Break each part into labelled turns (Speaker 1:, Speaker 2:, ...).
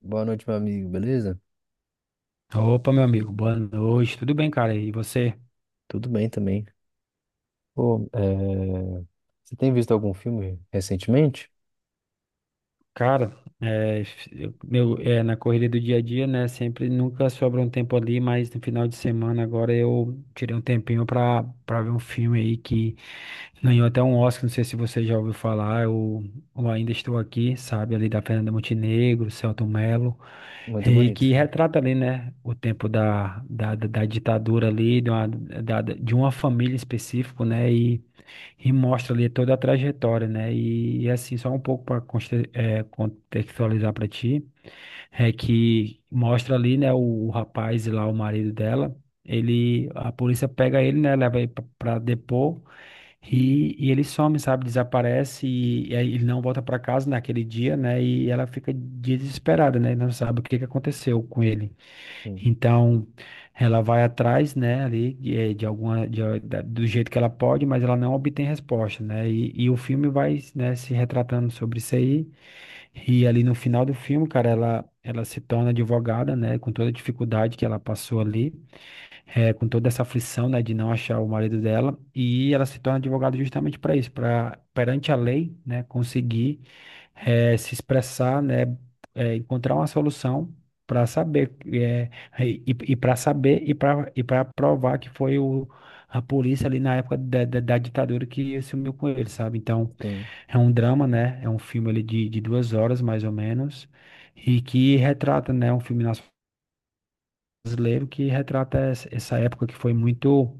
Speaker 1: Boa noite, meu amigo, beleza?
Speaker 2: Opa, meu amigo, boa noite, tudo bem, cara? E você?
Speaker 1: Tudo bem também. Pô, você tem visto algum filme recentemente?
Speaker 2: Cara, é, eu- meu, é, Na corrida do dia a dia, né? Sempre nunca sobra um tempo ali, mas no final de semana agora eu tirei um tempinho pra ver um filme aí que ganhou até um Oscar, não sei se você já ouviu falar, eu ainda estou aqui, sabe? Ali da Fernanda Montenegro, Selton Mello,
Speaker 1: Muito
Speaker 2: e
Speaker 1: bonito,
Speaker 2: que
Speaker 1: filme.
Speaker 2: retrata ali, né? O tempo da ditadura ali, de uma família específica, né? E mostra ali toda a trajetória, né? E assim, só um pouco para contextualizar para ti, é que mostra ali, né, o rapaz e lá o marido dela, ele, a polícia pega ele, né, leva ele para depor e ele some, sabe, desaparece e aí ele não volta para casa naquele dia, né? E ela fica desesperada, né? Não sabe o que que aconteceu com ele.
Speaker 1: Sim,
Speaker 2: Então, ela vai atrás, né, ali, eh, de alguma, de a- da- do jeito que ela pode, mas ela não obtém resposta, né? E o filme vai, né, se retratando sobre isso aí. E ali no final do filme, cara, ela se torna advogada, né, com toda a dificuldade que ela passou ali com toda essa aflição, né, de não achar o marido dela, e ela se torna advogada justamente para isso, para perante a lei, né, conseguir se expressar, né, encontrar uma solução para saber e, para saber e para provar que foi o a polícia ali na época da ditadura que sumiu com ele, sabe? Então,
Speaker 1: sim,
Speaker 2: é um drama, né? É um filme ali de duas horas, mais ou menos, e que retrata, né, um filme brasileiro que retrata essa época que foi muito,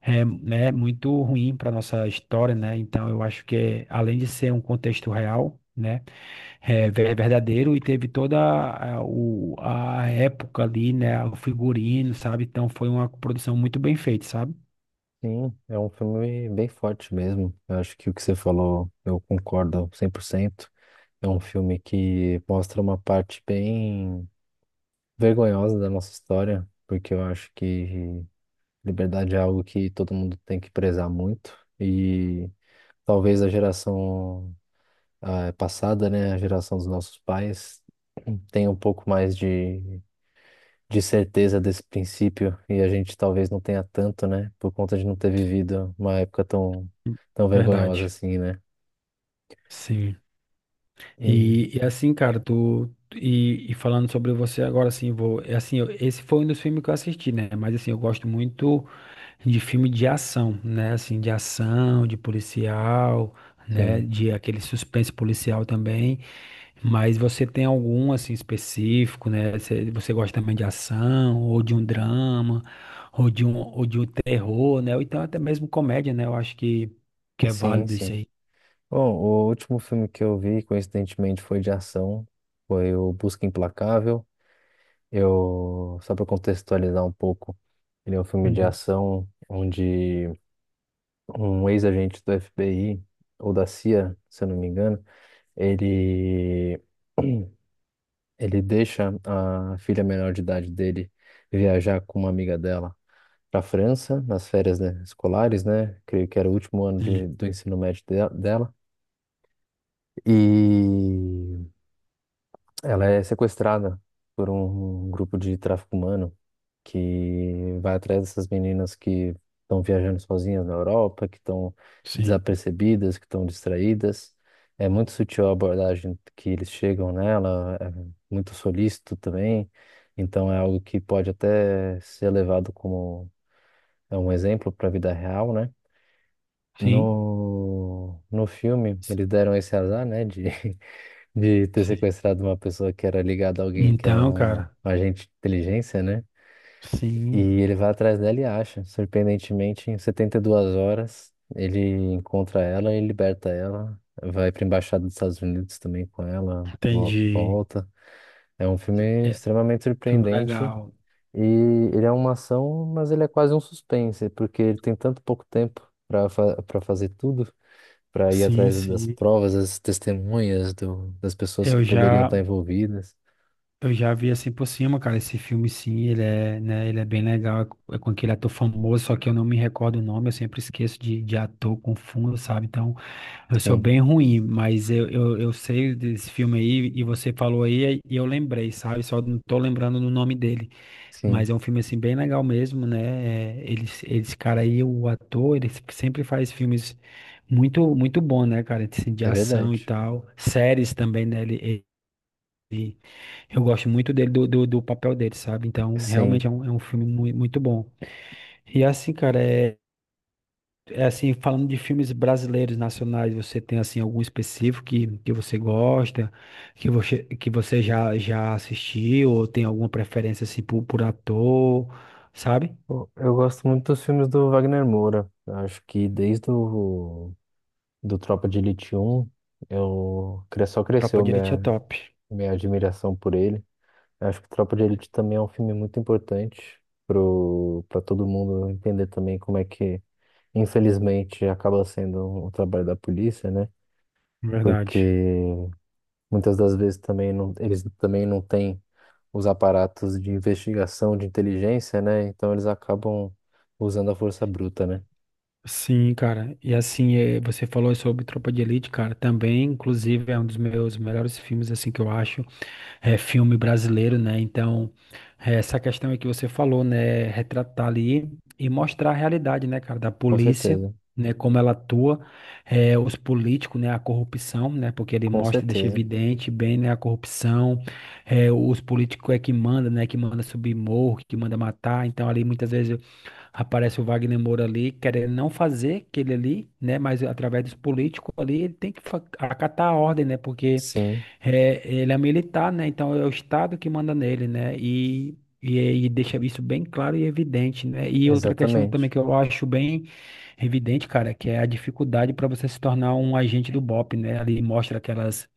Speaker 2: é, né, muito ruim para nossa história, né? Então eu acho que é, além de ser um contexto real, né, é verdadeiro e teve toda a época ali, né, o figurino, sabe? Então foi uma produção muito bem feita, sabe?
Speaker 1: sim. É um filme bem forte mesmo. Eu acho que o que você falou, eu concordo 100%. É um filme que mostra uma parte bem vergonhosa da nossa história, porque eu acho que liberdade é algo que todo mundo tem que prezar muito. E talvez a geração a passada, né, a geração dos nossos pais, tem um pouco mais de, certeza desse princípio e a gente talvez não tenha tanto, né, por conta de não ter vivido uma época tão, tão vergonhosa
Speaker 2: Verdade.
Speaker 1: assim, né?
Speaker 2: Sim.
Speaker 1: E,
Speaker 2: E assim, cara, tu. E falando sobre você agora, assim, vou. É Assim, esse foi um dos filmes que eu assisti, né? Mas assim, eu gosto muito de filme de ação, né? Assim, de ação, de policial, né?
Speaker 1: sim,
Speaker 2: De aquele suspense policial também. Mas você tem algum assim específico, né? Você gosta também de ação, ou de um drama, ou de um terror, né? Ou então até mesmo comédia, né? Eu acho que é
Speaker 1: sim,
Speaker 2: válido isso
Speaker 1: sim.
Speaker 2: aí.
Speaker 1: Bom, o último filme que eu vi, coincidentemente, foi de ação, foi o Busca Implacável. Só para contextualizar um pouco, ele é um filme de
Speaker 2: Uhum.
Speaker 1: ação onde um ex-agente do FBI ou da CIA, se eu não me engano, ele ele deixa a filha menor de idade dele viajar com uma amiga dela para a França nas férias, né, escolares, né? Creio que era o último ano
Speaker 2: Sim,
Speaker 1: do ensino médio dela. E ela é sequestrada por um grupo de tráfico humano que vai atrás dessas meninas que estão viajando sozinhas na Europa, que estão
Speaker 2: sim,
Speaker 1: desapercebidas, que estão distraídas. É muito sutil a abordagem que eles chegam nela, é muito solícito também. Então é algo que pode até ser levado como é um exemplo para a vida real, né?
Speaker 2: sim,
Speaker 1: No filme, eles deram esse azar, né, de de ter
Speaker 2: sim.
Speaker 1: sequestrado uma pessoa que era ligada a alguém que era
Speaker 2: Então,
Speaker 1: um
Speaker 2: cara,
Speaker 1: agente de inteligência, né? E
Speaker 2: sim,
Speaker 1: ele vai atrás dela e acha. Surpreendentemente, em 72 horas, ele encontra ela e liberta ela. Vai para a embaixada dos Estados Unidos também com ela, vo-
Speaker 2: entendi.
Speaker 1: volta. É um filme
Speaker 2: É
Speaker 1: extremamente
Speaker 2: filme
Speaker 1: surpreendente
Speaker 2: legal.
Speaker 1: e ele é uma ação, mas ele é quase um suspense, porque ele tem tanto pouco tempo para fazer tudo para ir
Speaker 2: Sim,
Speaker 1: atrás das
Speaker 2: sim.
Speaker 1: provas, das testemunhas do, das pessoas que
Speaker 2: Eu
Speaker 1: poderiam
Speaker 2: já.
Speaker 1: estar envolvidas.
Speaker 2: Eu já vi assim por cima, cara, esse filme sim, ele é, né, ele é bem legal, é com aquele ator famoso, só que eu não me recordo o nome, eu sempre esqueço de ator, confundo, sabe? Então, eu sou
Speaker 1: Sim,
Speaker 2: bem ruim, mas eu sei desse filme aí, e você falou aí, e eu lembrei, sabe? Só não tô lembrando do nome dele,
Speaker 1: sim,
Speaker 2: mas é um filme assim bem legal mesmo, né? É, ele, esse cara aí, o ator, ele sempre faz filmes muito, muito bom, né, cara? Assim, de
Speaker 1: é
Speaker 2: ação e
Speaker 1: verdade.
Speaker 2: tal, séries também, né? Ele- eu gosto muito dele, do papel dele, sabe? Então, realmente
Speaker 1: Sim.
Speaker 2: é um filme muito bom. E assim, cara, é, é assim, falando de filmes brasileiros, nacionais, você tem, assim, algum específico que você gosta, que você já, já assistiu, ou tem alguma preferência, assim, por ator, sabe?
Speaker 1: Pô, eu gosto muito dos filmes do Wagner Moura. Eu acho que desde o do Tropa de Elite 1, só
Speaker 2: Tropa
Speaker 1: cresceu
Speaker 2: de Elite é
Speaker 1: minha
Speaker 2: top,
Speaker 1: admiração por ele. Eu acho que Tropa de Elite também é um filme muito importante pro para todo mundo entender também como é que, infelizmente, acaba sendo o trabalho da polícia, né? Porque
Speaker 2: verdade.
Speaker 1: muitas das vezes também não, eles também não têm os aparatos de investigação, de inteligência, né? Então eles acabam usando a força bruta, né?
Speaker 2: Sim, cara. E assim, você falou sobre Tropa de Elite, cara, também, inclusive, é um dos meus melhores filmes, assim, que eu acho. É filme brasileiro, né? Então, é, essa questão aí que você falou, né? Retratar ali e mostrar a realidade, né, cara, da
Speaker 1: Com
Speaker 2: polícia,
Speaker 1: certeza,
Speaker 2: né? Como ela atua, é, os políticos, né? A corrupção, né? Porque ele
Speaker 1: com
Speaker 2: mostra, deixa
Speaker 1: certeza.
Speaker 2: evidente bem, né? A corrupção, é, os políticos é que manda, né? Que manda subir morro, que manda matar. Então, ali muitas vezes aparece o Wagner Moura ali, querendo não fazer aquele ali, né? Mas através dos políticos ali, ele tem que acatar a ordem, né? Porque
Speaker 1: Sim,
Speaker 2: é, ele é militar, né? Então é o Estado que manda nele, né? E, e deixa isso bem claro e evidente, né? E outra questão também
Speaker 1: exatamente.
Speaker 2: que eu acho bem evidente, cara, que é a dificuldade para você se tornar um agente do BOP, né? Ali mostra aquelas.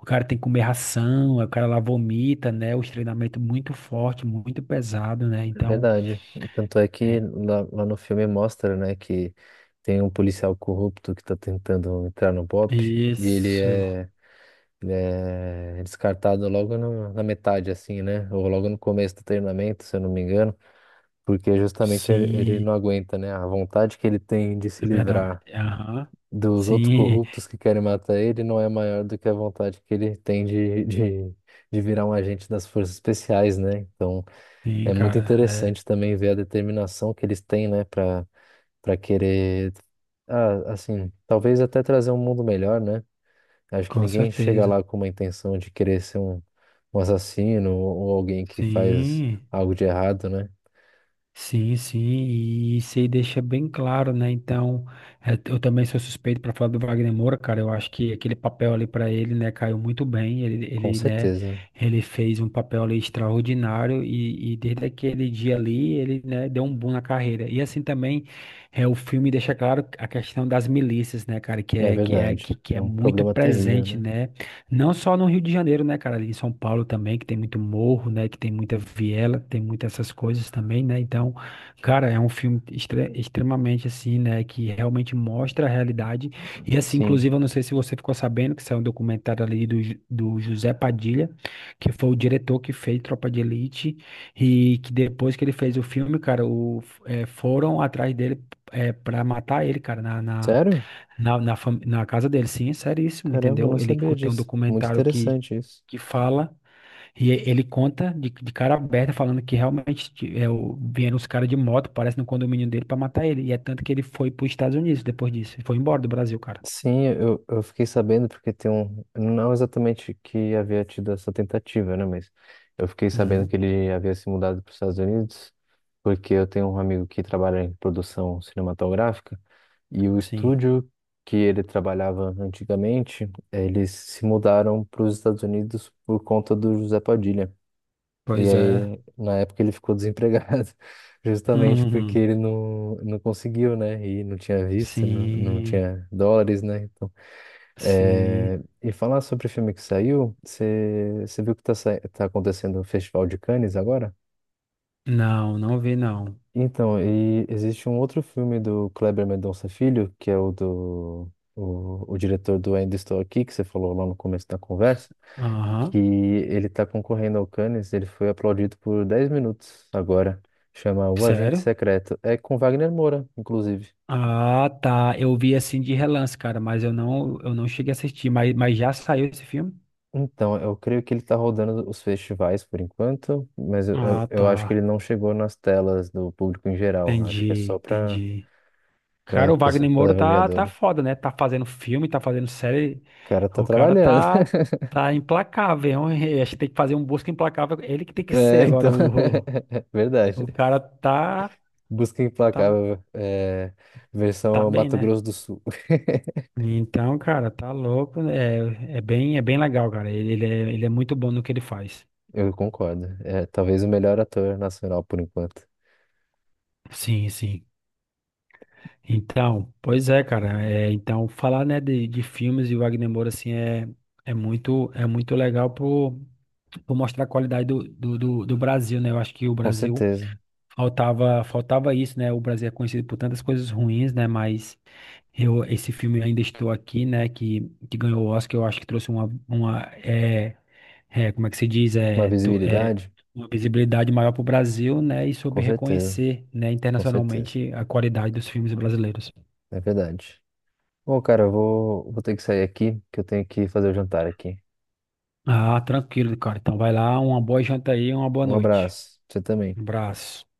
Speaker 2: O cara tem que comer ração, o cara lá vomita, né? Os treinamentos muito forte, muito pesado, né?
Speaker 1: É
Speaker 2: Então.
Speaker 1: verdade. Tanto é que lá no filme mostra, né, que tem um policial corrupto que tá tentando entrar no BOP e
Speaker 2: Isso,
Speaker 1: ele é descartado logo na metade, assim, né? Ou logo no começo do treinamento, se eu não me engano. Porque justamente ele
Speaker 2: sim,
Speaker 1: não aguenta, né? A vontade que ele tem de se
Speaker 2: é verdade.
Speaker 1: livrar
Speaker 2: Aham.
Speaker 1: dos outros
Speaker 2: Sim,
Speaker 1: corruptos que querem matar ele não é maior do que a vontade que ele tem de virar um agente das forças especiais, né? Então
Speaker 2: sim,
Speaker 1: é muito
Speaker 2: cara, é,
Speaker 1: interessante também ver a determinação que eles têm, né, para para querer, ah, assim, talvez até trazer um mundo melhor, né? Acho que
Speaker 2: com
Speaker 1: ninguém chega
Speaker 2: certeza.
Speaker 1: lá com uma intenção de querer ser um, um assassino ou alguém que faz
Speaker 2: Sim.
Speaker 1: algo de errado, né?
Speaker 2: Sim, sim, e isso aí deixa bem claro, né? Então, é, eu também sou suspeito para falar do Wagner Moura, cara. Eu acho que aquele papel ali para ele, né, caiu muito bem.
Speaker 1: Com
Speaker 2: Né,
Speaker 1: certeza.
Speaker 2: ele fez um papel ali extraordinário e desde aquele dia ali, ele, né, deu um boom na carreira. E assim também, é, o filme deixa claro a questão das milícias, né, cara,
Speaker 1: É verdade.
Speaker 2: que
Speaker 1: É
Speaker 2: é
Speaker 1: um
Speaker 2: muito
Speaker 1: problema terrível,
Speaker 2: presente,
Speaker 1: né?
Speaker 2: né? Não só no Rio de Janeiro, né, cara? Ali em São Paulo também, que tem muito morro, né? Que tem muita viela, tem muitas essas coisas também, né? Então, cara, é um filme extremamente assim, né? Que realmente mostra a realidade. E assim,
Speaker 1: Sim.
Speaker 2: inclusive, eu não sei se você ficou sabendo que saiu um documentário ali do, do José Padilha, que foi o diretor que fez Tropa de Elite, e que depois que ele fez o filme, cara, o, foram atrás dele é, para matar ele, cara,
Speaker 1: Sério?
Speaker 2: na casa dele, sim, é seríssimo,
Speaker 1: Caramba, eu
Speaker 2: entendeu?
Speaker 1: não
Speaker 2: Ele
Speaker 1: sabia
Speaker 2: tem um
Speaker 1: disso. Muito
Speaker 2: documentário
Speaker 1: interessante isso.
Speaker 2: que fala, e ele conta de cara aberta, falando que realmente vieram os caras de moto, parece no condomínio dele, pra matar ele. E é tanto que ele foi pros Estados Unidos depois disso. Ele foi embora do Brasil, cara.
Speaker 1: Sim, eu fiquei sabendo porque tem um. Não exatamente que havia tido essa tentativa, né? Mas eu fiquei sabendo
Speaker 2: Uhum,
Speaker 1: que ele havia se mudado para os Estados Unidos, porque eu tenho um amigo que trabalha em produção cinematográfica e o
Speaker 2: sim,
Speaker 1: estúdio que ele trabalhava antigamente, eles se mudaram para os Estados Unidos por conta do José Padilha. E
Speaker 2: pois é.
Speaker 1: aí, na época, ele ficou desempregado, justamente porque
Speaker 2: Uhum,
Speaker 1: ele não, não conseguiu, né? E não tinha visto, não, não
Speaker 2: sim,
Speaker 1: tinha dólares, né? Então,
Speaker 2: sim.
Speaker 1: e falar sobre o filme que saiu, você viu que tá acontecendo o Festival de Cannes agora?
Speaker 2: Não, não vi, não.
Speaker 1: Então, e existe um outro filme do Kleber Mendonça Filho, que é o diretor do Ainda Estou Aqui, que você falou lá no começo da conversa. Que
Speaker 2: Aham,
Speaker 1: ele está concorrendo ao Cannes, ele foi aplaudido por 10 minutos agora. Chama O Agente
Speaker 2: sério?
Speaker 1: Secreto. É com Wagner Moura, inclusive.
Speaker 2: Ah, tá. Eu vi assim de relance, cara, mas eu não cheguei a assistir. Mas já saiu esse filme?
Speaker 1: Então, eu creio que ele está rodando os festivais por enquanto, mas eu, eu,
Speaker 2: Ah,
Speaker 1: eu acho que
Speaker 2: tá.
Speaker 1: ele não chegou nas telas do público em geral. Acho que é
Speaker 2: Entendi,
Speaker 1: só para
Speaker 2: entendi.
Speaker 1: para
Speaker 2: Cara, o Wagner Moura tá
Speaker 1: avaliadores.
Speaker 2: foda, né? Tá fazendo filme, tá fazendo série.
Speaker 1: O cara tá
Speaker 2: O cara
Speaker 1: trabalhando.
Speaker 2: tá, tá implacável, hein? Acho que tem que fazer um busca implacável. Ele que tem que ser
Speaker 1: É,
Speaker 2: agora.
Speaker 1: então, é verdade.
Speaker 2: O cara
Speaker 1: Busca
Speaker 2: tá,
Speaker 1: Implacável, é,
Speaker 2: tá
Speaker 1: versão
Speaker 2: bem,
Speaker 1: Mato
Speaker 2: né?
Speaker 1: Grosso do Sul.
Speaker 2: Então, cara, tá louco. É bem legal, cara. Ele é muito bom no que ele faz.
Speaker 1: Eu concordo. É talvez o melhor ator nacional por enquanto.
Speaker 2: Sim, sim. Então, pois é, cara. É, então, falar, né, de filmes e Wagner Moura, assim, é, é muito legal por mostrar a qualidade do Brasil, né? Eu acho que o
Speaker 1: Com
Speaker 2: Brasil
Speaker 1: certeza.
Speaker 2: faltava isso, né? O Brasil é conhecido por tantas coisas ruins, né? Mas eu, esse filme Ainda Estou Aqui, né, que ganhou o Oscar, eu acho que trouxe uma é, é, como é que se diz?
Speaker 1: Uma visibilidade?
Speaker 2: Uma visibilidade maior para o Brasil, né, e soube
Speaker 1: Com certeza.
Speaker 2: reconhecer, né,
Speaker 1: Com certeza.
Speaker 2: internacionalmente a qualidade dos filmes brasileiros.
Speaker 1: É verdade. Bom, cara, eu vou, vou ter que sair aqui, que eu tenho que fazer o jantar aqui.
Speaker 2: Ah, tranquilo, cara. Então vai lá, uma boa janta aí, uma boa
Speaker 1: Um
Speaker 2: noite.
Speaker 1: abraço. Você
Speaker 2: Um
Speaker 1: também.
Speaker 2: abraço.